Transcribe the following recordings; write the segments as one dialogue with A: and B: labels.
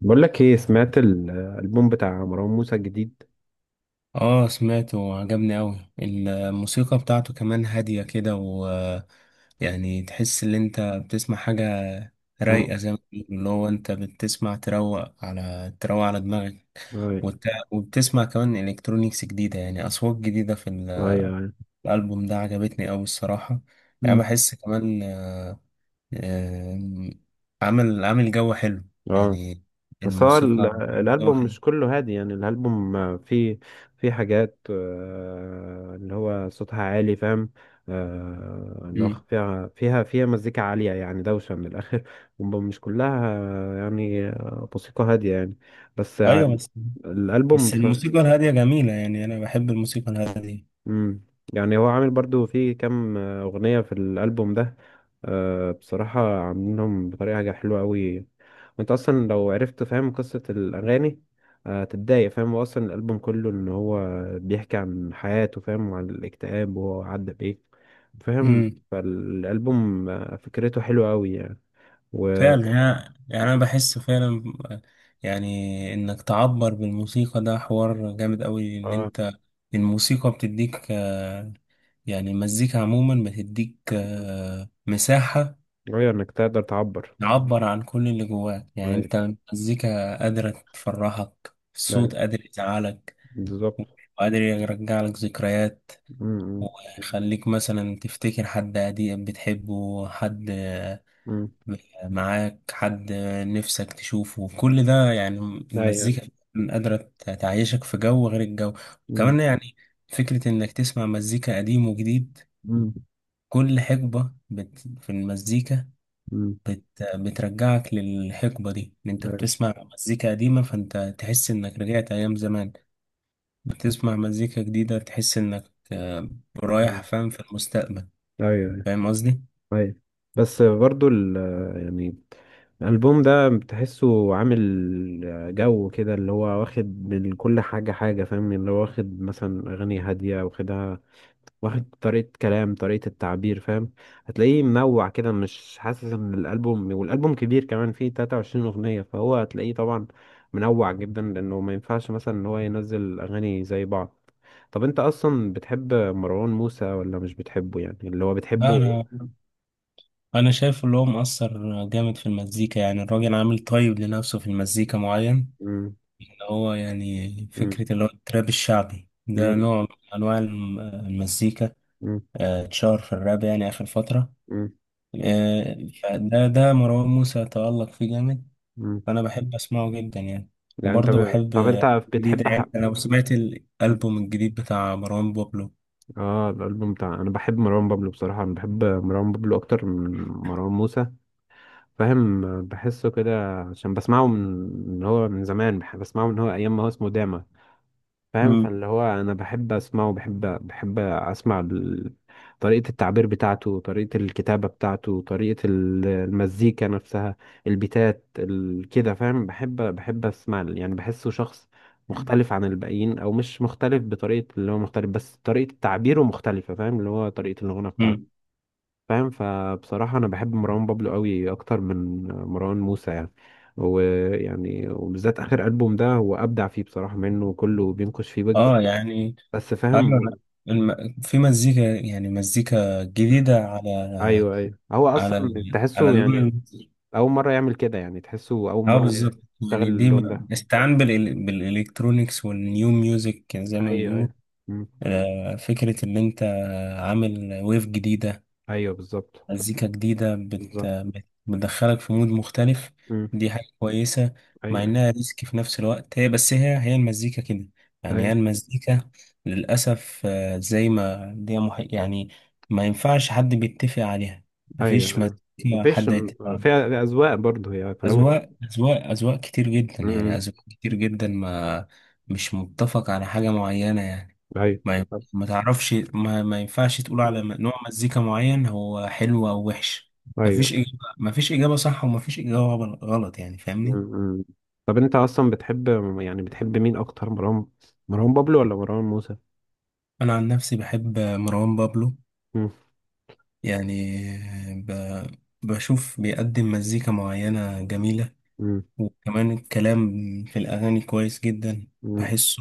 A: بقول لك ايه، سمعت الالبوم بتاع مروان موسى الجديد؟
B: اه، سمعته وعجبني اوي الموسيقى بتاعته، كمان هادية كده يعني تحس ان انت بتسمع حاجة
A: امم.
B: رايقة، زي ما بيقولوا اللي هو انت بتسمع تروق على دماغك.
A: اي
B: وت... وبتسمع كمان الكترونيكس جديدة، يعني اصوات جديدة في
A: اي اي.
B: الالبوم ده، عجبتني اوي الصراحة. يعني
A: امم.
B: بحس كمان آه، عامل جو حلو،
A: اه.
B: يعني
A: بس هو
B: الموسيقى
A: ال-
B: عامل جو
A: الالبوم
B: حلو.
A: مش كله هادي، يعني الالبوم فيه فيه حاجات اللي هو صوتها عالي فاهم. اللي هو
B: مم.
A: فيها مزيكا عالية، يعني دوشة من الآخر ومش كلها يعني موسيقى هادية، يعني بس يعني
B: ايوه، بس
A: الألبوم.
B: بس الموسيقى الهادية جميلة، يعني أنا بحب الموسيقى الهادية.
A: امم. يعني هو عامل برضو في كام اغنيه في الالبوم ده. بصراحه عاملينهم بطريقه حاجه حلوه قوي، وانت اصلا لو عرفت فاهم قصه الاغاني تتضايق فاهم. هو اصلا الالبوم كله ان هو بيحكي عن حياته، فاهم، وعن الاكتئاب، وهو عدى بايه فاهم.
B: امم
A: فالالبوم فكرته حلوه قوي يعني و...
B: فعلا يعني، أنا بحس فعلا يعني إنك تعبر بالموسيقى، ده حوار جامد أوي، إن
A: اه.
B: أنت الموسيقى بتديك يعني المزيكا عموما بتديك مساحة
A: ايوه انك تقدر تعبر.
B: تعبر عن كل اللي جواك، يعني
A: ايوه.
B: أنت المزيكا قادرة تفرحك،
A: ده-
B: الصوت قادر يزعلك
A: بالظبط.
B: وقادر يرجع لك ذكريات
A: امم.
B: ويخليك مثلا تفتكر حد قديم بتحبه، حد
A: أمم.
B: معاك، حد نفسك تشوفه، كل ده يعني
A: ايوه.
B: المزيكا قادرة تعيشك في جو غير الجو
A: امم
B: كمان. يعني فكرة إنك تسمع مزيكا قديم وجديد،
A: امم.
B: كل حقبة بت في المزيكا
A: أمم.
B: بت بترجعك للحقبة دي، إن أنت بتسمع مزيكا قديمة فأنت تحس إنك رجعت أيام زمان، بتسمع مزيكا جديدة تحس إنك رايح
A: مم.
B: فاهم في المستقبل.
A: ايوه ايوه.
B: فاهم قصدي؟
A: أيوه. بس برضو يعني الالبوم ده بتحسه عامل جو كده، اللي هو واخد من كل حاجه حاجه فاهم، اللي هو واخد مثلا اغاني هاديه واخدها، واخد طريقة كلام، طريقة التعبير فاهم. هتلاقيه منوع كده، مش حاسس ان الألبوم، كبير كمان، فيه 23 أغنية، فهو هتلاقيه طبعا منوع جدا لأنه ما ينفعش مثلا ان هو ينزل أغاني زي بعض. طب انت اصلا بتحب مروان موسى ولا مش بتحبه، يعني اللي هو
B: لا،
A: بتحبه؟
B: أنا شايف اللي هو مؤثر جامد في المزيكا، يعني الراجل عامل طيب لنفسه في المزيكا معين،
A: مم.
B: اللي هو يعني
A: مم.
B: فكرة اللي هو التراب الشعبي ده
A: مم.
B: نوع من انواع المزيكا،
A: مم.
B: اتشهر في الراب يعني اخر فترة،
A: مم.
B: آه، فده مروان موسى تألق فيه جامد،
A: مم.
B: فانا بحب اسمعه جدا يعني.
A: يعني انت
B: وبرضه بحب
A: طب انت
B: جديد،
A: بتحب
B: يعني انا لو سمعت
A: مم.
B: الالبوم الجديد بتاع مروان بابلو.
A: اه الالبوم بتاع انا بحب مروان بابلو. بصراحة انا بحب مروان بابلو اكتر من مروان موسى فاهم. بحسه كده عشان بسمعه من هو من زمان، بسمعه من هو ايام ما هو اسمه داما فاهم.
B: مم.
A: فاللي هو انا بحب اسمعه، بحب اسمع طريقة التعبير بتاعته، طريقة الكتابة بتاعته، طريقة المزيكا نفسها، البيتات كده فاهم. بحب اسمع يعني بحسه شخص مختلف عن الباقيين، او مش مختلف بطريقة، اللي هو مختلف بس طريقة تعبيره مختلفة فاهم، اللي هو طريقة الغنى بتاعته
B: مم.
A: فاهم. فبصراحة أنا بحب مروان بابلو قوي أكتر من مروان موسى يعني. وبالذات آخر ألبوم ده هو أبدع فيه بصراحة، منه وكله بينقش فيه ويجز
B: اه يعني،
A: بس
B: ايوه أنا
A: فاهم.
B: في مزيكا، يعني مزيكا جديدة على
A: أيوه أيوه. هو أصلا
B: على
A: تحسه يعني
B: اللون.
A: أول مرة يعمل كده، يعني تحسه أول
B: اه
A: مرة يعني
B: بالظبط،
A: يشتغل
B: يعني دي
A: اللون ده.
B: استعان بالالكترونيكس والنيو ميوزك زي ما
A: أيوه
B: بيقولوا،
A: أيوه. مم.
B: فكرة ان انت عامل ويف جديدة،
A: أيوه بالظبط.
B: مزيكا جديدة
A: بالظبط.
B: بتدخلك في مود مختلف،
A: مم.
B: دي حاجة كويسة مع
A: أيوه
B: إنها ريسك في نفس الوقت، هي بس هي المزيكا كده يعني، هي
A: أيوه
B: المزيكا للأسف، زي ما دي يعني ما ينفعش حد بيتفق عليها، مفيش
A: أيوه.
B: مزيكا
A: مفيش.
B: حد يتفق عليها.
A: فيها أذواق برضه، هي في الأول.
B: أذواق كتير جدا، يعني
A: مم.
B: أذواق كتير جدا، ما مش متفق على حاجة معينة يعني.
A: أيوه
B: ما ي- ما تعرفش ما ينفعش تقول على نوع مزيكا معين هو حلو او وحش، مفيش
A: أيوه.
B: اجابه، مفيش اجابه صح ومفيش اجابه غلط، يعني فاهمني.
A: مم. طب انت اصلا بتحب، يعني بتحب مين اكتر، مروان بابلو ولا مروان موسى؟
B: انا عن نفسي بحب مروان بابلو
A: مم.
B: يعني، ب... بشوف بيقدم مزيكا معينه جميله،
A: مم.
B: وكمان الكلام في الاغاني كويس جدا،
A: مم.
B: بحسه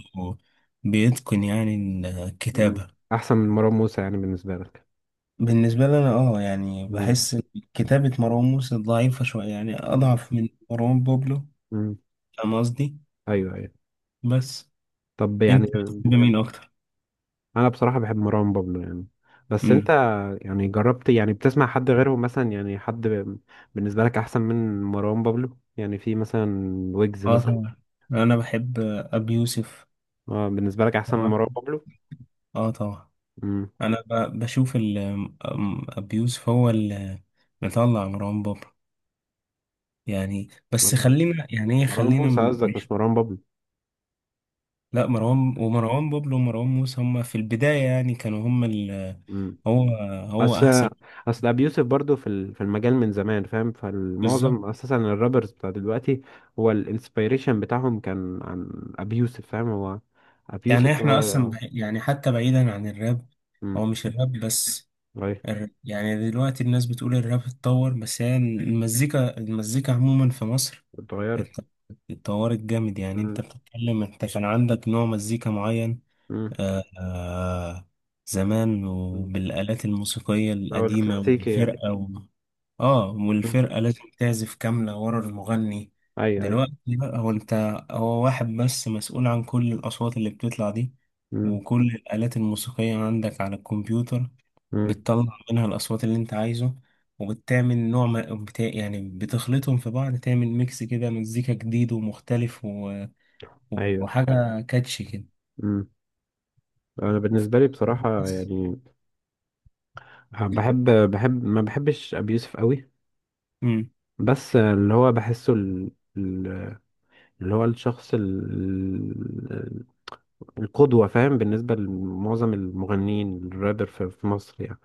B: بيتقن يعني
A: مم.
B: الكتابه.
A: احسن من مروان موسى يعني بالنسبه لك؟
B: بالنسبه لي انا اه يعني
A: مم.
B: بحس إن كتابة مروان موسى ضعيفة شوية، يعني
A: مم.
B: أضعف من مروان بابلو،
A: مم.
B: فاهم قصدي؟
A: ايوه ايوه.
B: بس
A: طب يعني
B: انت بتحب مين اكتر؟
A: انا بصراحه بحب مروان بابلو يعني، بس انت
B: امم
A: يعني جربت، يعني بتسمع حد غيرهم مثلا، يعني حد بالنسبه لك احسن من مروان بابلو يعني، في مثلا ويجز
B: اه
A: مثلا؟
B: طبعا، انا بحب ابي يوسف.
A: اه بالنسبه لك احسن من
B: طبعا.
A: مروان بابلو.
B: اه طبعا،
A: مم.
B: انا بشوف ابي يوسف هو اللي مطلع مروان بابلو، يعني بس خلينا، يعني ايه،
A: مروان
B: خلينا
A: موسى
B: من
A: قصدك مش مروان
B: لا، مروان ومروان بابلو ومروان موسى هما في البداية يعني كانوا هما
A: بابلو.
B: هو هو
A: اصل
B: احسن.
A: اصل ابي يوسف برضه في المجال من زمان فاهم،
B: بالظبط،
A: فالمعظم اساسا الرابرز بتاع دلوقتي هو الانسبيريشن بتاعهم كان عن ابي يوسف فاهم، هو ابي
B: يعني
A: يوسف
B: احنا اصلا
A: هو.
B: يعني حتى بعيدا عن الراب،
A: امم.
B: هو مش الراب بس،
A: غير
B: يعني دلوقتي الناس بتقول الراب اتطور، بس هي المزيكا، المزيكا عموما في مصر ات-
A: اتغيرت.
B: اتطورت جامد، يعني
A: امم
B: انت بتتكلم، انت كان عندك نوع مزيكا معين
A: امم.
B: آه آه زمان
A: أمم.
B: وبالآلات الموسيقية
A: او
B: القديمة
A: الكلاسيكي يعني.
B: والفرقة اه،
A: أمم.
B: والفرقة لازم تعزف كاملة ورا المغني.
A: اي اي.
B: دلوقتي بقى هو انت، هو واحد بس مسؤول عن كل الأصوات اللي بتطلع دي،
A: امم
B: وكل الآلات الموسيقية عندك على الكمبيوتر
A: امم.
B: بتطلع منها الأصوات اللي أنت عايزه، وبتعمل نوع ما يعني بتخلطهم في بعض تعمل ميكس كده، مزيكا جديد ومختلف
A: ايوه.
B: وحاجة كاتشي كده
A: امم. انا بالنسبه لي بصراحه
B: بس.
A: يعني بحب بحب ما بحبش ابي يوسف قوي،
B: مم.
A: بس اللي هو بحسه ال- اللي هو الشخص القدوة فاهم بالنسبة لمعظم المغنيين الرابر في مصر يعني.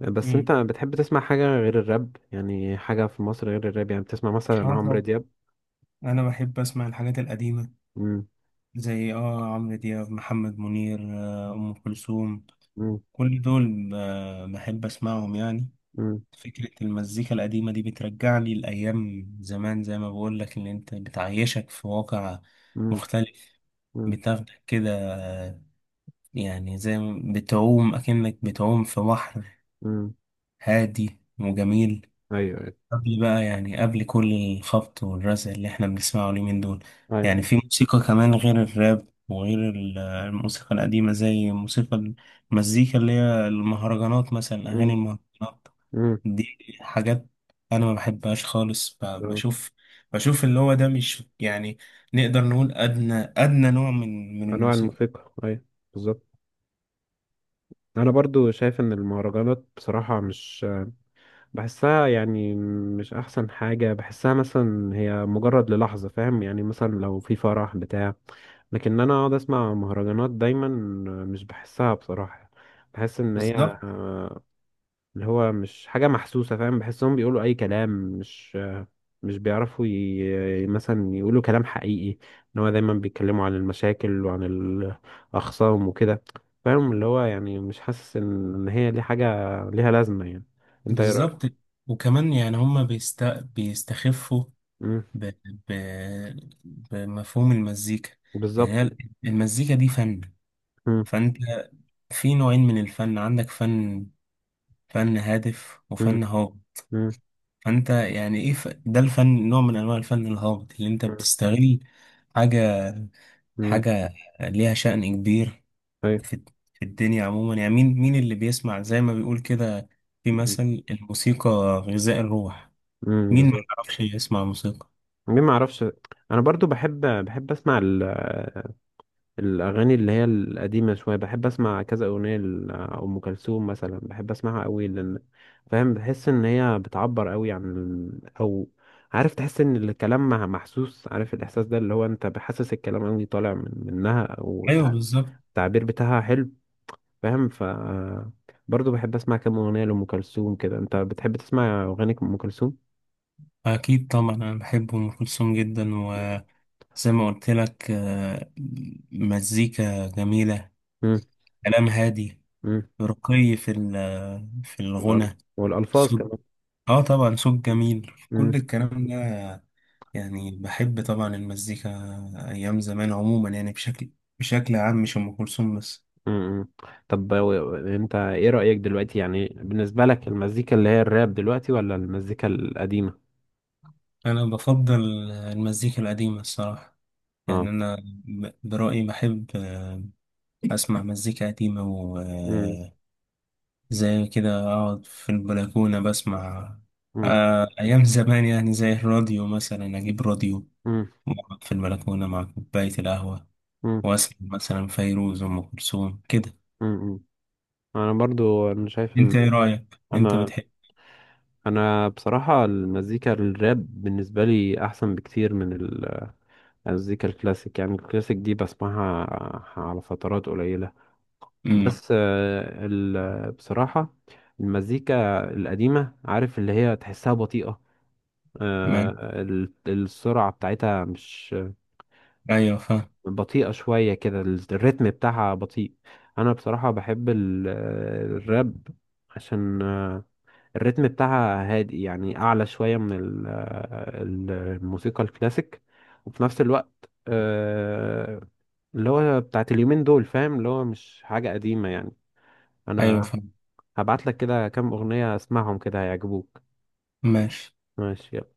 A: بس
B: مم.
A: انت بتحب تسمع حاجة غير الراب، يعني حاجة في مصر غير الراب، يعني بتسمع مثلا
B: اه
A: عمرو
B: طب
A: دياب؟
B: أنا بحب أسمع الحاجات القديمة،
A: مم.
B: زي اه عمرو دياب، محمد منير، أم كلثوم،
A: مم.
B: كل دول بحب أسمعهم يعني.
A: مم.
B: فكرة المزيكا القديمة دي بترجعني لأيام زمان، زي ما بقولك اللي أنت بتعيشك في واقع
A: مم.
B: مختلف،
A: مم.
B: بتاخدك كده، يعني زي ما بتعوم أكنك بتعوم في بحر
A: مم.
B: هادي وجميل،
A: ايوه ايوه
B: قبل بقى، يعني قبل كل الخبط والرزع اللي احنا بنسمعه اليومين دول.
A: ايوه.
B: يعني في موسيقى كمان غير الراب وغير الموسيقى القديمة، زي موسيقى المزيكا اللي هي المهرجانات، مثلا
A: مم.
B: أغاني المهرجانات،
A: مم.
B: دي حاجات أنا ما بحبهاش خالص،
A: آه.
B: بشوف، بشوف اللي هو ده مش يعني نقدر نقول أدنى نوع من من
A: انواع
B: الموسيقى.
A: الموسيقى. ايوه بالظبط. انا برضو شايف ان المهرجانات بصراحة مش بحسها، يعني مش احسن حاجة. بحسها مثلا هي مجرد للحظة فاهم، يعني مثلا لو في فرح بتاع، لكن انا اقعد اسمع مهرجانات دايما، مش بحسها بصراحة. بحس ان هي
B: بالظبط،
A: آه، اللي هو مش حاجة محسوسة فاهم، بحسهم بيقولوا اي كلام، مش مش بيعرفوا مثلا يقولوا كلام حقيقي، ان هو دايما بيتكلموا عن المشاكل وعن الاخصام وكده فاهم، اللي هو يعني مش حاسس إن هي دي حاجة ليها لازمة يعني. انت ايه
B: بالظبط.
A: رأيك؟
B: وكمان يعني هما بيستخفوا ب... ب... بمفهوم المزيكا، يعني
A: بالظبط.
B: هي المزيكا دي فن،
A: مم.
B: فانت في نوعين من الفن، عندك فن هادف
A: مم.
B: وفن هابط،
A: مم.
B: فانت يعني ايه ده الفن نوع من انواع الفن الهابط، اللي انت
A: مم.
B: بتستغل حاجة،
A: مم.
B: حاجة ليها شأن كبير
A: أيوة.
B: في في الدنيا عموما، يعني مين مين اللي بيسمع زي ما بيقول كده، في
A: مم.
B: مثل الموسيقى غذاء الروح،
A: مم.
B: مين ما
A: بالظبط.
B: يعرفش يسمع موسيقى.
A: ليه ما اعرفش. انا برضو بحب اسمع الاغاني اللي هي القديمه شويه، بحب اسمع كذا اغنيه لام كلثوم مثلا، بحب اسمعها قوي لان فاهم. بحس ان هي بتعبر قوي عن او عارف تحس ان الكلام محسوس، عارف الاحساس ده، اللي هو انت بحسس الكلام قوي طالع منها،
B: ايوه بالظبط.
A: والتعبير بتاعها حلو فاهم برضه بحب اسمع كام اغنيه لام كلثوم كده. انت بتحب تسمع اغاني ام كلثوم؟
B: اكيد طبعا، انا بحب ام كلثوم جدا، وزي ما قلت لك مزيكا جميله،
A: امم
B: كلام هادي،
A: امم.
B: رقي في في
A: والأرض.
B: الغنى،
A: والالفاظ
B: صوت،
A: كمان.
B: اه طبعا صوت جميل، كل
A: امم
B: الكلام ده يعني. بحب طبعا المزيكا ايام زمان عموما، يعني بشكل عام، مش ام كلثوم بس.
A: امم. طب انت ايه رايك دلوقتي، يعني بالنسبه لك المزيكا اللي هي الراب دلوقتي ولا المزيكا القديمه؟
B: انا بفضل المزيكا القديمه الصراحه، يعني
A: اه.
B: انا برأيي بحب اسمع مزيكا قديمة،
A: امم.
B: وزي كده اقعد في البلكونة بسمع،
A: امم.
B: ايام زمان، يعني زي الراديو مثلا اجيب راديو
A: امم.
B: واقعد في البلكونة مع كوباية القهوة
A: امم.
B: واسمع مثلا فيروز، ام كلثوم كده،
A: امم. انا برضو شايف
B: انت
A: ان
B: ايه رأيك؟ انت
A: انا
B: بتحب؟
A: انا بصراحه المزيكا الراب بالنسبه لي احسن بكتير من المزيكا الكلاسيك، يعني الكلاسيك دي بسمعها على فترات قليلة.
B: امم
A: بس بصراحة المزيكا القديمة عارف اللي هي تحسها بطيئة،
B: ما-
A: السرعة بتاعتها مش
B: ايوه فاهم،
A: بطيئة شوية كده، الريتم بتاعها بطيء. أنا بصراحة بحب الراب عشان الريتم بتاعها هادئ، يعني اعلى شويه من الموسيقى الكلاسيك، وفي نفس الوقت اللي هو بتاعت اليومين دول فاهم، اللي هو مش حاجه قديمه يعني.
B: ايوه
A: انا
B: فاهم،
A: هبعت لك كده كام اغنيه اسمعهم كده هيعجبوك.
B: ماشي.
A: ماشي يلا.